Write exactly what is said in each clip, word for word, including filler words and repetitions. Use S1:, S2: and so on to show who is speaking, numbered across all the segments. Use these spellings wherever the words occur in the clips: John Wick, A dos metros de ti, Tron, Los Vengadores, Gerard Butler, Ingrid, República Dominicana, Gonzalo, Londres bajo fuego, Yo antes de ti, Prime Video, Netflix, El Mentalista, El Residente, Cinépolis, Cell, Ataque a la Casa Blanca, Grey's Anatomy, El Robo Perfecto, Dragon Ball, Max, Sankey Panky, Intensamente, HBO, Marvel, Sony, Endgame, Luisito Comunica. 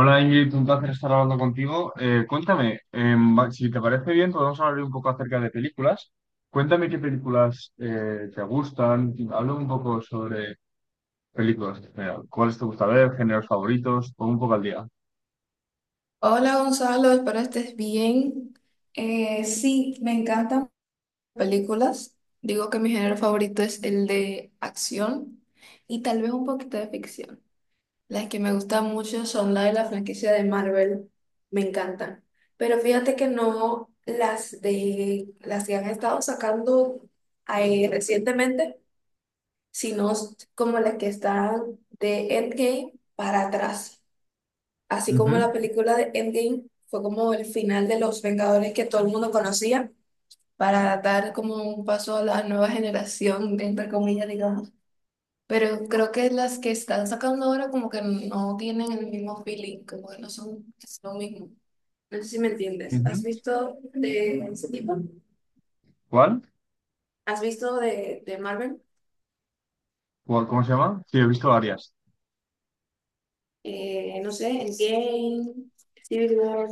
S1: Hola Ingrid, un placer estar hablando contigo. Eh, cuéntame, em, va- si te parece bien, podemos hablar un poco acerca de películas. Cuéntame qué películas eh, te gustan. Habla un poco sobre películas en general. ¿Cuáles te gusta ver? ¿Géneros favoritos? Pon un poco al día.
S2: Hola Gonzalo, espero estés bien. Eh, sí, me encantan películas. Digo que mi género favorito es el de acción y tal vez un poquito de ficción. Las que me gustan mucho son las de la franquicia de Marvel, me encantan. Pero fíjate que no las de las que han estado sacando ahí recientemente, sino como las que están de Endgame para atrás. Así como
S1: Ujú,
S2: la película de Endgame fue como el final de Los Vengadores que todo el mundo conocía, para dar como un paso a la nueva generación, entre comillas, digamos. Pero creo que las que están sacando ahora como que no tienen el mismo feeling, como que no son es lo mismo. No sé si me entiendes. ¿Has
S1: ujú.
S2: visto de ese tipo?
S1: ¿Cuál?
S2: ¿Has visto de, de Marvel?
S1: ¿Cuál? ¿Cómo se llama? Sí, he visto varias.
S2: Eh, no sé, Endgame, Civil War,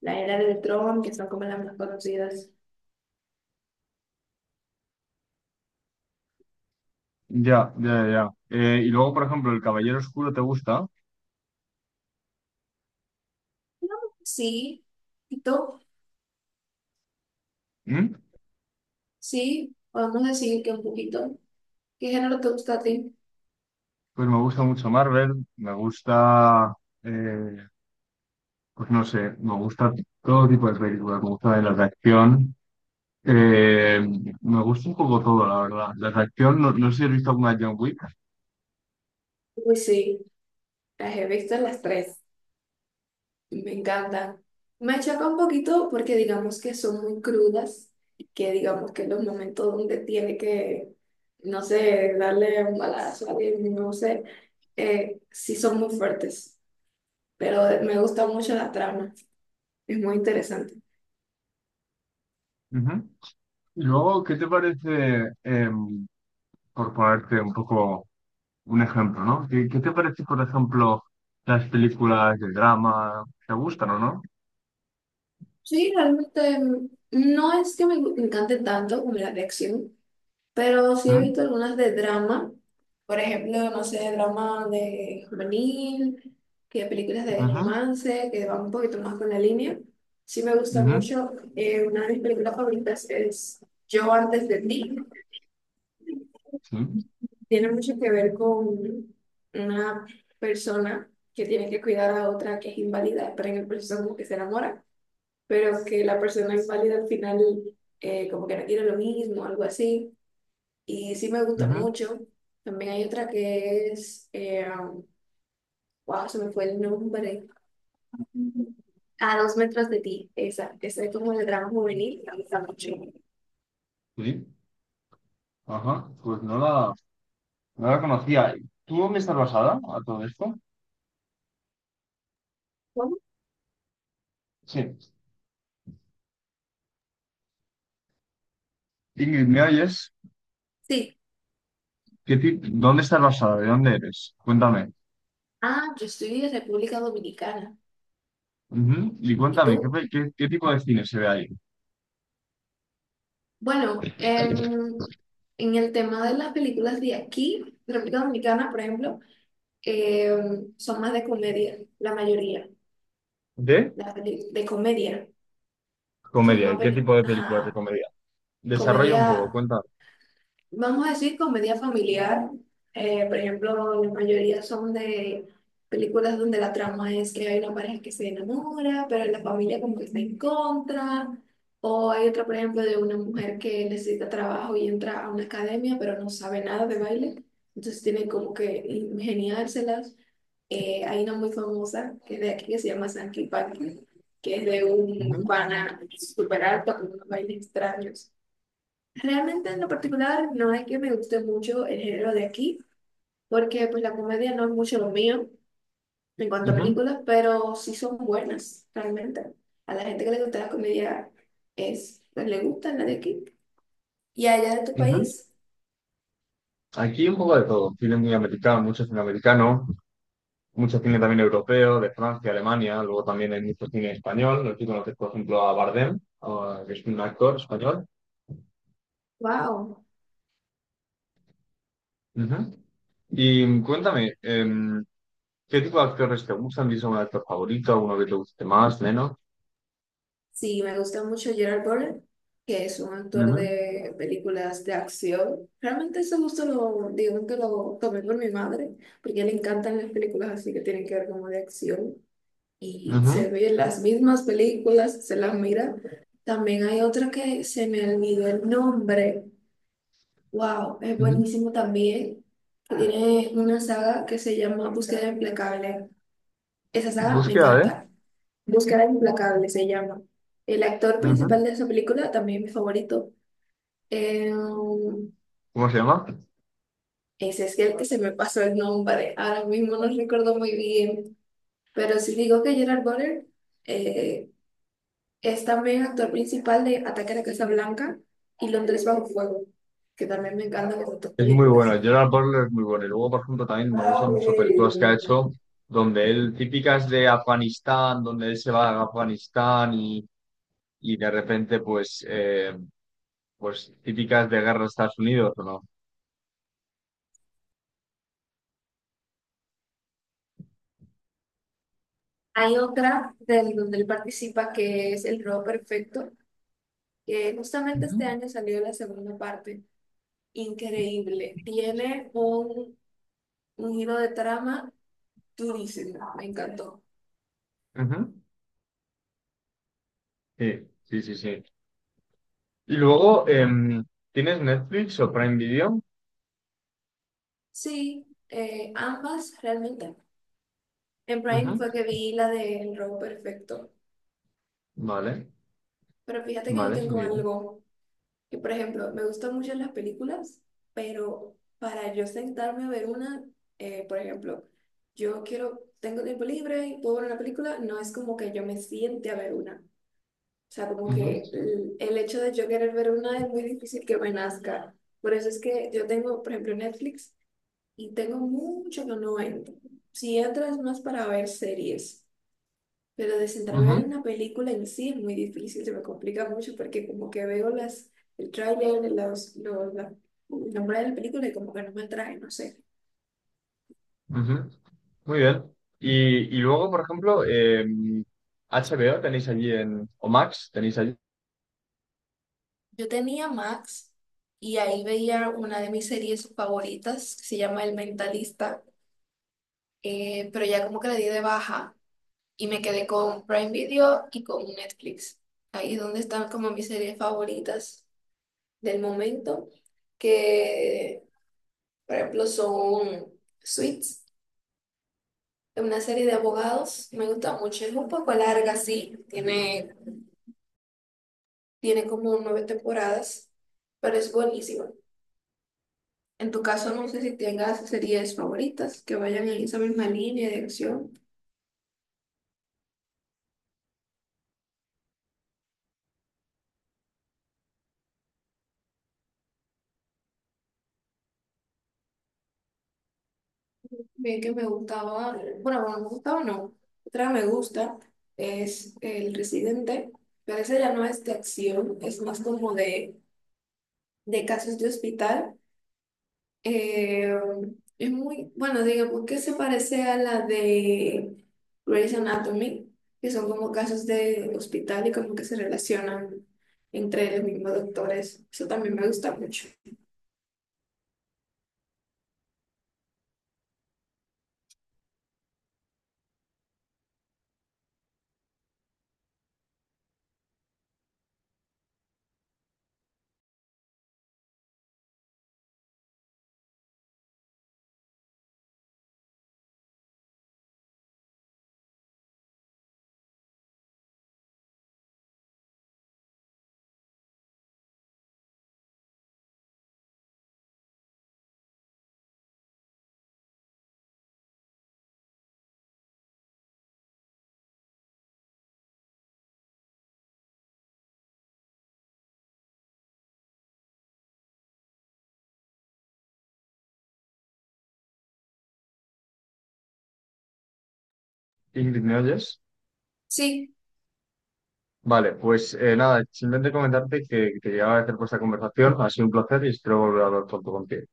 S2: la era de Tron, que son como las más conocidas.
S1: Ya, ya, ya. Eh, y luego, por ejemplo, El Caballero Oscuro, ¿te gusta?
S2: Sí. ¿Y tú?
S1: ¿Mm?
S2: Sí, podemos decir que un poquito. ¿Qué género te gusta a ti?
S1: Pues me gusta mucho Marvel, me gusta... eh, pues no sé, me gusta todo tipo de películas, me gusta de las de acción, eh, me gusta un poco todo, la verdad. Las de acción, no, no sé si has visto alguna de John Wick.
S2: Uy, sí, las he visto las tres. Me encantan. Me choca un poquito porque digamos que son muy crudas, que digamos que los momentos donde tiene que, no sé, darle un balazo a alguien, no sé, eh, sí son muy fuertes, pero me gusta mucho la trama, es muy interesante.
S1: Ujú. Y luego, ¿qué te parece, em, por ponerte un poco un ejemplo, ¿no? ¿Qué, qué te parece, por ejemplo, las películas de drama? ¿Te gustan o no?
S2: Sí, realmente mm, no es que me gu- me encante tanto como la de acción, pero sí he
S1: ¿Mm?
S2: visto algunas de drama, por ejemplo, no sé, drama de juvenil, que películas de
S1: Ujú,
S2: romance, que van un poquito más con la línea. Sí me gusta
S1: ujú,
S2: mucho. Eh, una de mis películas favoritas es Yo antes de ti.
S1: sí,
S2: Tiene mucho que ver con una persona que tiene que cuidar a otra que es inválida, pero en el proceso como que se enamora, pero que la persona inválida al final eh, como que no quiere lo mismo, algo así. Y sí me gusta
S1: ujú,
S2: mucho. También hay otra que es, eh, wow, se me fue el nombre. A dos metros de ti. Esa, esa es como de drama juvenil. Me gusta mucho.
S1: sí, ajá, pues no la, no la conocía. ¿Tú dónde estás basada a todo esto?
S2: ¿Cómo?
S1: Sí. Ingrid, ¿me oyes?
S2: Sí.
S1: ¿Qué ti- ¿Dónde estás basada? ¿De dónde eres? Cuéntame.
S2: Ah, yo estoy de República Dominicana.
S1: Ujú. Y
S2: ¿Y
S1: cuéntame, ¿qué,
S2: tú?
S1: pe- qué- ¿qué tipo de cine se ve ahí?
S2: Bueno, em, en el tema de las películas de aquí, de República Dominicana, por ejemplo, em, son más de comedia, la mayoría.
S1: ¿De?
S2: Las peli- de comedia. Son
S1: Comedia.
S2: más
S1: ¿Y qué
S2: peli-
S1: tipo de películas de
S2: ajá,
S1: comedia? Desarrolla un poco,
S2: comedia.
S1: cuéntame.
S2: Vamos a decir comedia familiar. Eh, por ejemplo, la mayoría son de películas donde la trama es que hay una pareja que se enamora, pero la familia como que está en contra. O hay otra, por ejemplo, de una mujer que necesita trabajo y entra a una academia, pero no sabe nada de baile. Entonces tiene como que ingeniárselas. Eh, hay una muy famosa que es de aquí que se llama Sankey Panky, que es de un
S1: Ujú,
S2: pana super alto con unos bailes extraños. Realmente en lo particular no es que me guste mucho el género de aquí, porque pues la comedia no es mucho lo mío en cuanto a
S1: ujú,
S2: películas, pero sí son buenas realmente. A la gente que le gusta la comedia es, pues, le gusta la de aquí. Y allá de tu
S1: ujú.
S2: país,
S1: Aquí un poco de todo. Cine muy americano, mucho cine americano, mucho cine también europeo, de Francia, Alemania. Luego también hay mucho cine español. Aquí conoces, por ejemplo, a Bardem, a- que es un actor español.
S2: wow,
S1: Ujú. Y cuéntame, em, ¿qué tipo de actores te gustan? ¿Tienes algún actor favorito? ¿Alguno que te guste más, menos?
S2: sí, me gusta mucho Gerard Butler, que es un actor
S1: Ujú,
S2: de películas de acción. Realmente ese gusto lo, digo que lo tomé por mi madre, porque a él le encantan las películas así que tienen que ver como de acción. Y se
S1: ujú,
S2: ve las mismas películas, se las mira. También hay otra que se me olvidó el nombre. Wow, es
S1: ujú.
S2: buenísimo también. Que tiene una saga que se llama Búsqueda Implacable. Esa saga me
S1: Búsqueda de.
S2: encanta. Búsqueda Implacable se llama. El actor
S1: Ujú.
S2: principal de esa película, también mi favorito. eh, um,
S1: ¿Cómo se llama?
S2: Ese es el que se me pasó el nombre. Ahora mismo no recuerdo muy bien. Pero si digo que Gerard Butler, eh, es también actor principal de Ataque a la Casa Blanca y Londres bajo fuego, que también me encantan esas dos
S1: Es muy bueno.
S2: películas.
S1: Gerard Butler es muy bueno. Y luego, por ejemplo, también me gustan mucho películas que ha hecho donde él, típicas de Afganistán, donde él se va a Afganistán y, y de repente, pues, eh, pues típicas de guerra de Estados Unidos, ¿o no?
S2: Hay otra del donde él participa que es El Robo Perfecto, que justamente este
S1: Ujú,
S2: año salió la segunda parte. Increíble. Tiene un, un giro de trama durísimo. Me encantó.
S1: ujú. Sí, sí, sí, sí. Y luego, em, ¿tienes Netflix o Prime Video?
S2: Sí, eh, ambas realmente. En Prime
S1: Ujú.
S2: fue que vi la de El Robo Perfecto.
S1: Vale,
S2: Pero fíjate que yo
S1: vale,
S2: tengo
S1: muy bien.
S2: algo que, por ejemplo, me gustan mucho las películas, pero para yo sentarme a ver una, eh, por ejemplo, yo quiero, tengo tiempo libre y puedo ver una película, no es como que yo me siente a ver una. O sea, como
S1: Ujú,
S2: que el, el hecho de yo querer ver una es muy difícil que me nazca. Por eso es que yo tengo, por ejemplo, Netflix y tengo mucho que no entro. Si entro es más para ver series. Pero de sentarme a
S1: ujú.
S2: ver una película en sí es muy difícil, se me complica mucho porque como que veo las, el tráiler, los, los, la- el nombre de la película y como que no me atrae no sé.
S1: Ujú, muy bien. Y, y luego, por ejemplo, eh, H B O tenéis allí en, o Max tenéis allí.
S2: Yo tenía Max y ahí veía una de mis series favoritas que se llama El Mentalista, eh, pero ya como que la di de baja y me quedé con Prime Video y con Netflix. Ahí es donde están como mis series favoritas del momento, que por ejemplo son Suits, una serie de abogados. Me gusta mucho. Es un poco larga, sí. Tiene, tiene como nueve temporadas, pero es buenísima. En tu caso, no sé si tengas series favoritas que vayan en esa misma línea de acción. Bien que me gustaba, bueno, bueno, me gustaba no. Otra me gusta es El Residente, pero esa ya no es de acción, es más como de, de casos de hospital. Eh, es muy, bueno, digamos que se parece a la de Grey's Anatomy, que son como casos de hospital y como que se relacionan entre los mismos doctores. Eso también me gusta mucho.
S1: Ingrid, ¿me oyes?
S2: Sí,
S1: Vale, pues eh, nada, simplemente comentarte que, que llegaba a hacer esta conversación. Ha sido un placer y espero volver a hablar pronto contigo.